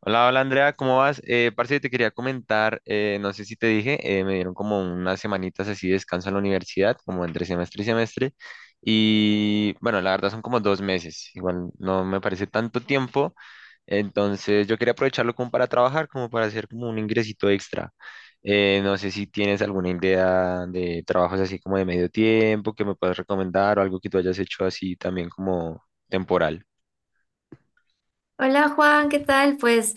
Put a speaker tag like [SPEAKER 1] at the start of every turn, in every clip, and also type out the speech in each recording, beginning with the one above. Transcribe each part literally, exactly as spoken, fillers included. [SPEAKER 1] Hola, hola Andrea, ¿cómo vas? Eh, parce, te quería comentar, eh, no sé si te dije, eh, me dieron como unas semanitas así de descanso en la universidad, como entre semestre y semestre, y bueno, la verdad son como dos meses, igual no me parece tanto tiempo, entonces yo quería aprovecharlo como para trabajar, como para hacer como un ingresito extra. Eh, no sé si tienes alguna idea de trabajos así como de medio tiempo que me puedas recomendar o algo que tú hayas hecho así también como temporal.
[SPEAKER 2] Hola Juan, ¿qué tal? Pues,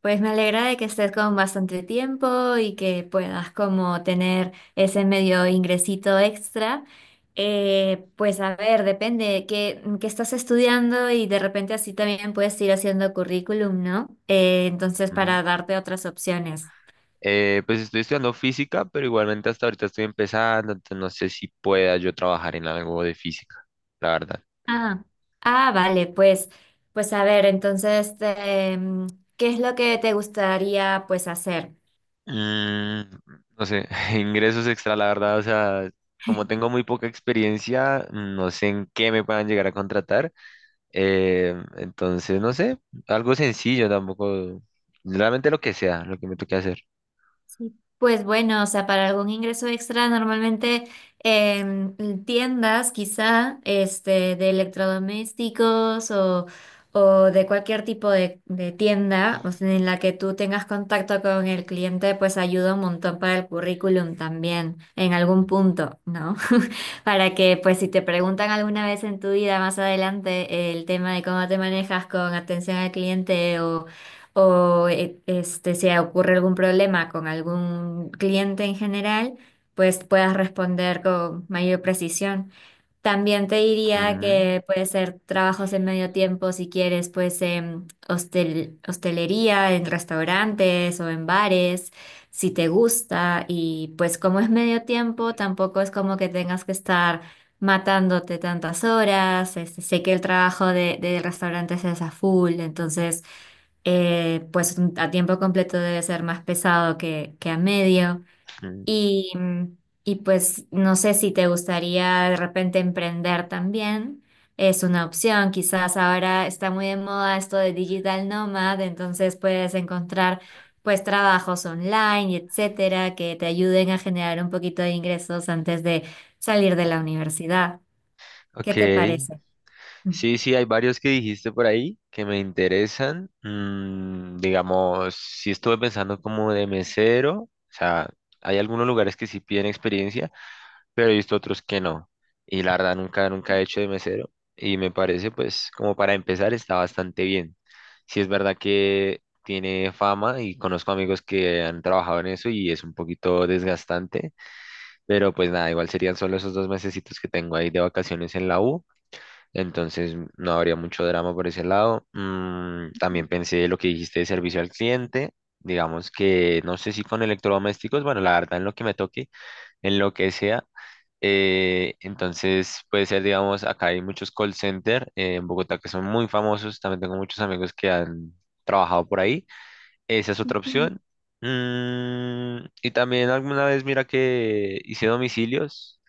[SPEAKER 2] pues me alegra de que estés con bastante tiempo y que puedas como tener ese medio ingresito extra. Eh, pues a ver, depende qué, qué estás estudiando y de repente así también puedes ir haciendo currículum, ¿no? Eh, entonces para darte otras opciones.
[SPEAKER 1] Eh, pues estoy estudiando física, pero igualmente hasta ahorita estoy empezando, entonces no sé si pueda yo trabajar en algo de física, la verdad.
[SPEAKER 2] Ah, ah, vale, pues, pues a ver, entonces, este, ¿qué es lo que te gustaría pues hacer?
[SPEAKER 1] Mm, no sé, ingresos extra, la verdad, o sea, como tengo muy poca experiencia, no sé en qué me puedan llegar a contratar. Eh, entonces, no sé, algo sencillo tampoco, realmente lo que sea, lo que me toque hacer.
[SPEAKER 2] Sí, pues bueno, o sea, para algún ingreso extra, normalmente em, en tiendas, quizá, este, de electrodomésticos o, o de cualquier tipo de, de tienda, o sea, en la que tú tengas contacto con el cliente, pues ayuda un montón para el currículum también, en algún punto, ¿no? Para que, pues, si te preguntan alguna vez en tu vida más adelante el tema de cómo te manejas con atención al cliente o eh, este, se ocurre algún problema con algún cliente en general, pues puedas responder con mayor precisión. También te diría
[SPEAKER 1] Ujú,
[SPEAKER 2] que puede ser trabajos en medio tiempo si quieres, pues en hostel- hostelería, en restaurantes o en bares, si te gusta. Y pues como es medio tiempo, tampoco es como que tengas que estar matándote tantas horas. Este, sé que el trabajo de, de restaurantes es a full, entonces eh, pues a tiempo completo debe ser más pesado que, que a medio.
[SPEAKER 1] ujú.
[SPEAKER 2] Y, y pues no sé si te gustaría de repente emprender también. Es una opción. Quizás ahora está muy de moda esto de digital nomad, entonces puedes encontrar pues trabajos online, y etcétera, que te ayuden a generar un poquito de ingresos antes de salir de la universidad. ¿Qué
[SPEAKER 1] Ok,
[SPEAKER 2] te parece? Mm.
[SPEAKER 1] sí, sí, hay varios que dijiste por ahí que me interesan. Mm, digamos, sí estuve pensando como de mesero, o sea, hay algunos lugares que sí piden experiencia, pero he visto otros que no. Y la verdad nunca, nunca he hecho de mesero y me parece pues como para empezar está bastante bien. Sí es verdad que tiene fama y conozco amigos que han trabajado en eso y es un poquito desgastante, pero pues nada, igual serían solo esos dos mesecitos que tengo ahí de vacaciones en la U, entonces no habría mucho drama por ese lado. Mm, también pensé lo que dijiste de servicio al cliente. Digamos que no sé si con electrodomésticos, bueno, la verdad en lo que me toque, en lo que sea. Eh, entonces puede ser, digamos, acá hay muchos call center eh, en Bogotá que son muy famosos. También tengo muchos amigos que han trabajado por ahí. Esa es otra opción. Mm, y también alguna vez, mira que hice domicilios.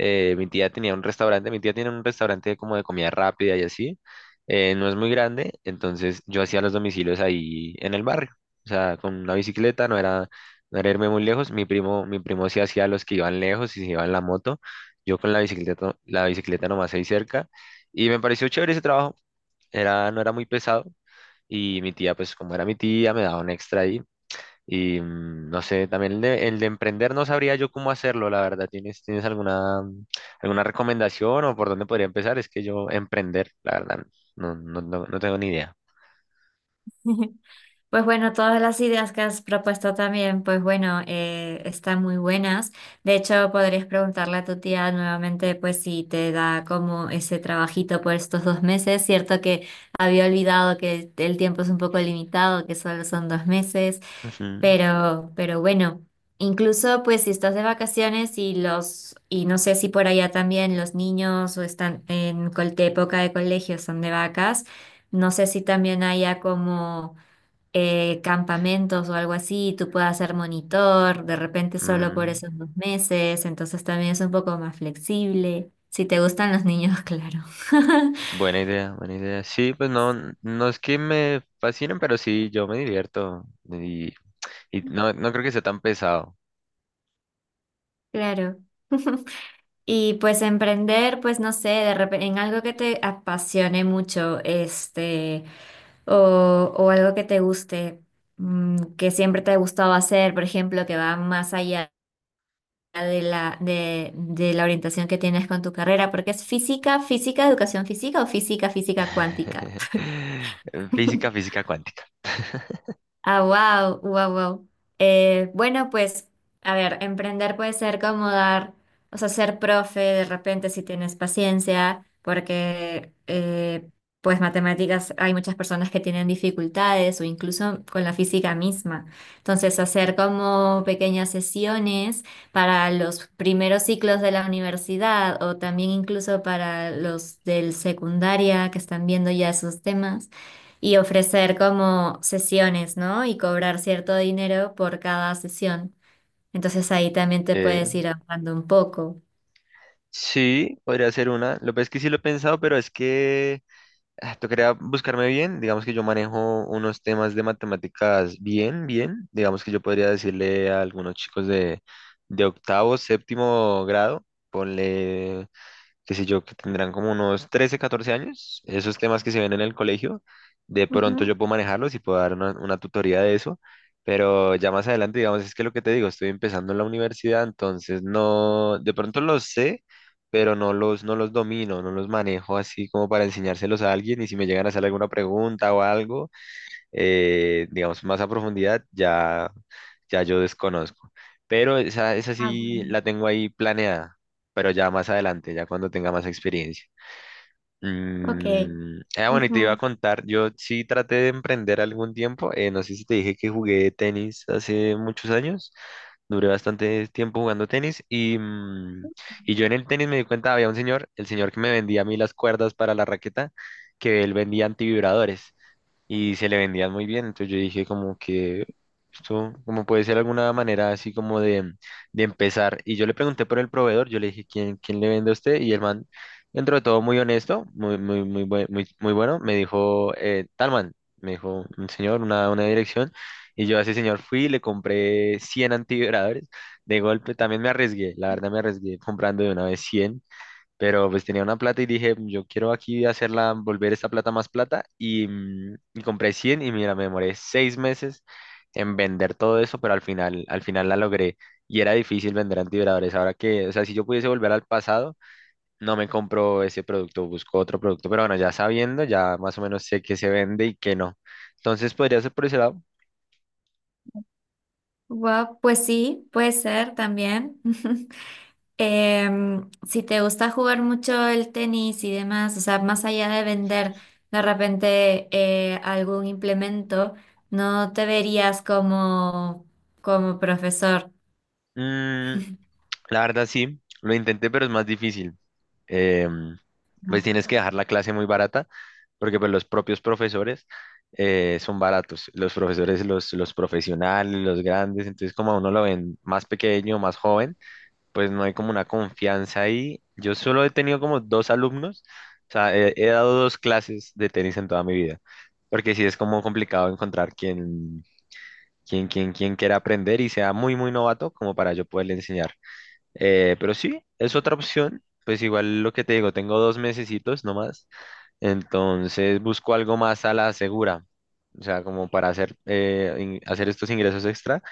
[SPEAKER 1] eh, Mi tía tenía un restaurante, mi tía tiene un restaurante como de comida rápida y así. Eh, no es muy grande, entonces yo hacía los domicilios ahí en el barrio. O sea, con una bicicleta, no era, no era irme muy lejos. Mi primo, mi primo sí hacía los que iban lejos y se iban en la moto. Yo con la bicicleta, la bicicleta nomás ahí cerca. Y me pareció chévere ese trabajo. Era, no era muy pesado. Y mi tía, pues como era mi tía, me daba un extra ahí. Y mm, no sé, también el de, el de emprender no sabría yo cómo hacerlo, la verdad. ¿Tienes, tienes alguna, alguna recomendación o por dónde podría empezar? Es que yo emprender, la verdad, no, no, no, no tengo ni idea.
[SPEAKER 2] Pues bueno, todas las ideas que has propuesto también, pues bueno, eh, están muy buenas. De hecho, podrías preguntarle a tu tía nuevamente, pues si te da como ese trabajito por estos dos meses. Cierto que había olvidado que el tiempo es un poco limitado, que solo son dos meses.
[SPEAKER 1] Ujú.
[SPEAKER 2] Pero, pero bueno, incluso pues si estás de vacaciones y los, y no sé si por allá también los niños o están en col- de época de colegio son de vacas, no sé si también haya como eh, campamentos o algo así, tú puedas ser monitor, de repente solo por
[SPEAKER 1] Mm,
[SPEAKER 2] esos dos meses, entonces también es un poco más flexible. Si te gustan los niños, claro.
[SPEAKER 1] Buena idea, buena idea. Sí, pues no, n- no es que me fascinen, pero sí, yo me divierto. Y, y no, no creo que sea tan pesado.
[SPEAKER 2] Claro. Y pues emprender, pues no sé, de repente en algo que te apasione mucho, este, o, o algo que te guste, mm, que siempre te ha gustado hacer, por ejemplo, que va más allá. de la, de, de la orientación que tienes con tu carrera, porque es física, física, educación física o física, física cuántica.
[SPEAKER 1] Física, física cuántica.
[SPEAKER 2] Ah, wow, wow, wow. Eh, bueno, pues, a ver, emprender puede ser como dar, o sea, ser profe de repente si tienes paciencia, porque eh, pues matemáticas hay muchas personas que tienen dificultades o incluso con la física misma. Entonces, hacer como pequeñas sesiones para los primeros ciclos de la universidad o también incluso para los del secundaria que están viendo ya esos temas y ofrecer como sesiones, ¿no? Y cobrar cierto dinero por cada sesión. Entonces ahí también te
[SPEAKER 1] Eh,
[SPEAKER 2] puedes ir ahorrando un poco.
[SPEAKER 1] Sí, podría ser una. Lo que pasa es que sí lo he pensado, pero es que ah, tocaría buscarme bien. Digamos que yo manejo unos temas de matemáticas bien, bien. Digamos que yo podría decirle a algunos chicos de, de octavo, séptimo grado, ponle qué sé yo, que tendrán como unos trece o catorce años, esos temas que se ven en el colegio, de pronto
[SPEAKER 2] Ujú.
[SPEAKER 1] yo puedo manejarlos y puedo dar una, una tutoría de eso, pero ya más adelante, digamos, es que lo que te digo, estoy empezando en la universidad, entonces no, de pronto los sé, pero no los, no los domino, no los manejo así como para enseñárselos a alguien y si me llegan a hacer alguna pregunta o algo eh, digamos, más a profundidad, ya, ya yo desconozco. Pero esa, esa
[SPEAKER 2] Ah,
[SPEAKER 1] sí
[SPEAKER 2] bueno.
[SPEAKER 1] la tengo ahí planeada, pero ya más adelante, ya cuando tenga más experiencia.
[SPEAKER 2] Ok.
[SPEAKER 1] Mm, ah, bueno, y te iba a
[SPEAKER 2] Ujú.
[SPEAKER 1] contar, yo sí traté de emprender algún tiempo, eh, no sé si te dije que jugué tenis hace muchos años, duré bastante tiempo jugando tenis y, mm, y yo en el tenis me di cuenta, había un señor, el señor que me vendía a mí las cuerdas para la raqueta, que él vendía antivibradores y se le vendían muy bien. Entonces yo dije como que esto como puede ser alguna manera así como de, de empezar. Y yo le pregunté por el proveedor, yo le dije, ¿quién, quién le vende a usted? Y el man, dentro de todo muy honesto, muy, muy, muy, buen- muy, muy bueno, me dijo, eh, tal man, me dijo un señor, una, una dirección. Y yo a ese señor fui y le compré cien antivibradores. De golpe también me arriesgué, la verdad me arriesgué comprando de una vez cien, pero pues tenía una plata y dije, "Mm, yo quiero aquí hacerla, volver esta plata más plata". Y, mm, y compré cien y mira, me demoré seis meses en vender todo eso, pero al final, al final la logré. Y era difícil vender antivibradores. Ahora que, o sea, si yo pudiese volver al pasado, no me compro ese producto, busco otro producto. Pero bueno, ya sabiendo, ya más o menos sé qué se vende y qué no. Entonces podría ser por ese lado.
[SPEAKER 2] Guau, pues sí, puede ser también. Em, si te gusta jugar mucho el tenis y demás, o sea, más allá de vender de repente eh, algún implemento, no te verías como, como profesor.
[SPEAKER 1] Mm, La verdad sí, lo intenté, pero es más difícil. Em, pues
[SPEAKER 2] Mm.
[SPEAKER 1] tienes que dejar la clase muy barata, porque pues, los propios profesores eh, son baratos. Los profesores, los, los profesionales, los grandes, entonces como a uno lo ven más pequeño, más joven, pues no hay como una confianza ahí. Yo solo he tenido como dos alumnos, o sea, he, he dado dos clases de tenis en toda mi vida, porque sí es como complicado encontrar quien, quien, quien, quien quiera aprender y sea muy, muy novato como para yo poderle enseñar. Eh, pero sí, es otra opción. Pues igual lo que te digo, tengo dos mesecitos nomás. Entonces busco algo más a la segura. O sea, como para hacer, eh, in- hacer estos ingresos extra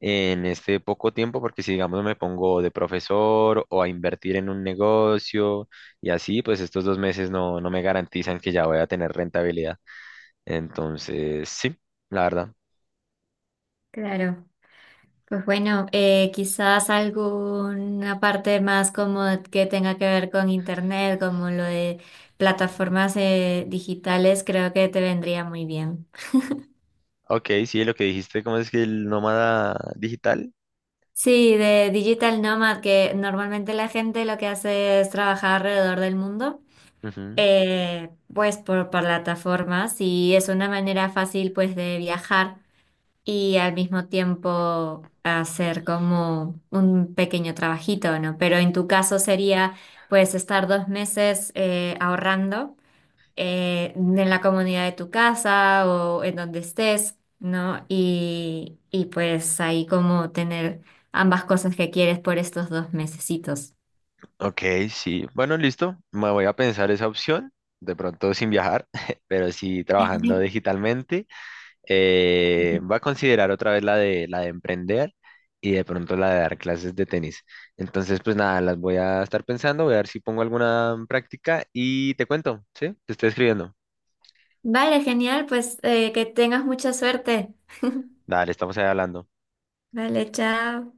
[SPEAKER 1] en este poco tiempo, porque si digamos me pongo de profesor o a invertir en un negocio y así, pues estos dos meses no, no me garantizan que ya voy a tener rentabilidad. Entonces, sí, la verdad.
[SPEAKER 2] Claro. Pues bueno, eh, quizás alguna parte más como que tenga que ver con internet, como lo de plataformas eh, digitales, creo que te vendría muy bien.
[SPEAKER 1] Ok, sí, lo que dijiste, ¿cómo es que el nómada digital?
[SPEAKER 2] Sí, de Digital Nomad, que normalmente la gente lo que hace es trabajar alrededor del mundo,
[SPEAKER 1] Ujú.
[SPEAKER 2] eh, pues por, por plataformas y es una manera fácil pues de viajar. Y al mismo tiempo hacer como un pequeño trabajito, ¿no? Pero en tu caso sería, pues, estar dos meses eh, ahorrando eh, en la comunidad de tu casa o en donde estés, ¿no? Y, y pues ahí como tener ambas cosas que quieres por estos dos mesecitos.
[SPEAKER 1] Ok, sí. Bueno, listo. Me voy a pensar esa opción. De pronto sin viajar, pero sí trabajando digitalmente. Eh, voy a considerar otra vez la de, la de emprender y de pronto la de dar clases de tenis. Entonces, pues nada, las voy a estar pensando, voy a ver si pongo alguna en práctica y te cuento, ¿sí? Te estoy escribiendo.
[SPEAKER 2] Vale, genial, pues eh, que tengas mucha suerte.
[SPEAKER 1] Dale, estamos ahí hablando.
[SPEAKER 2] Vale, chao.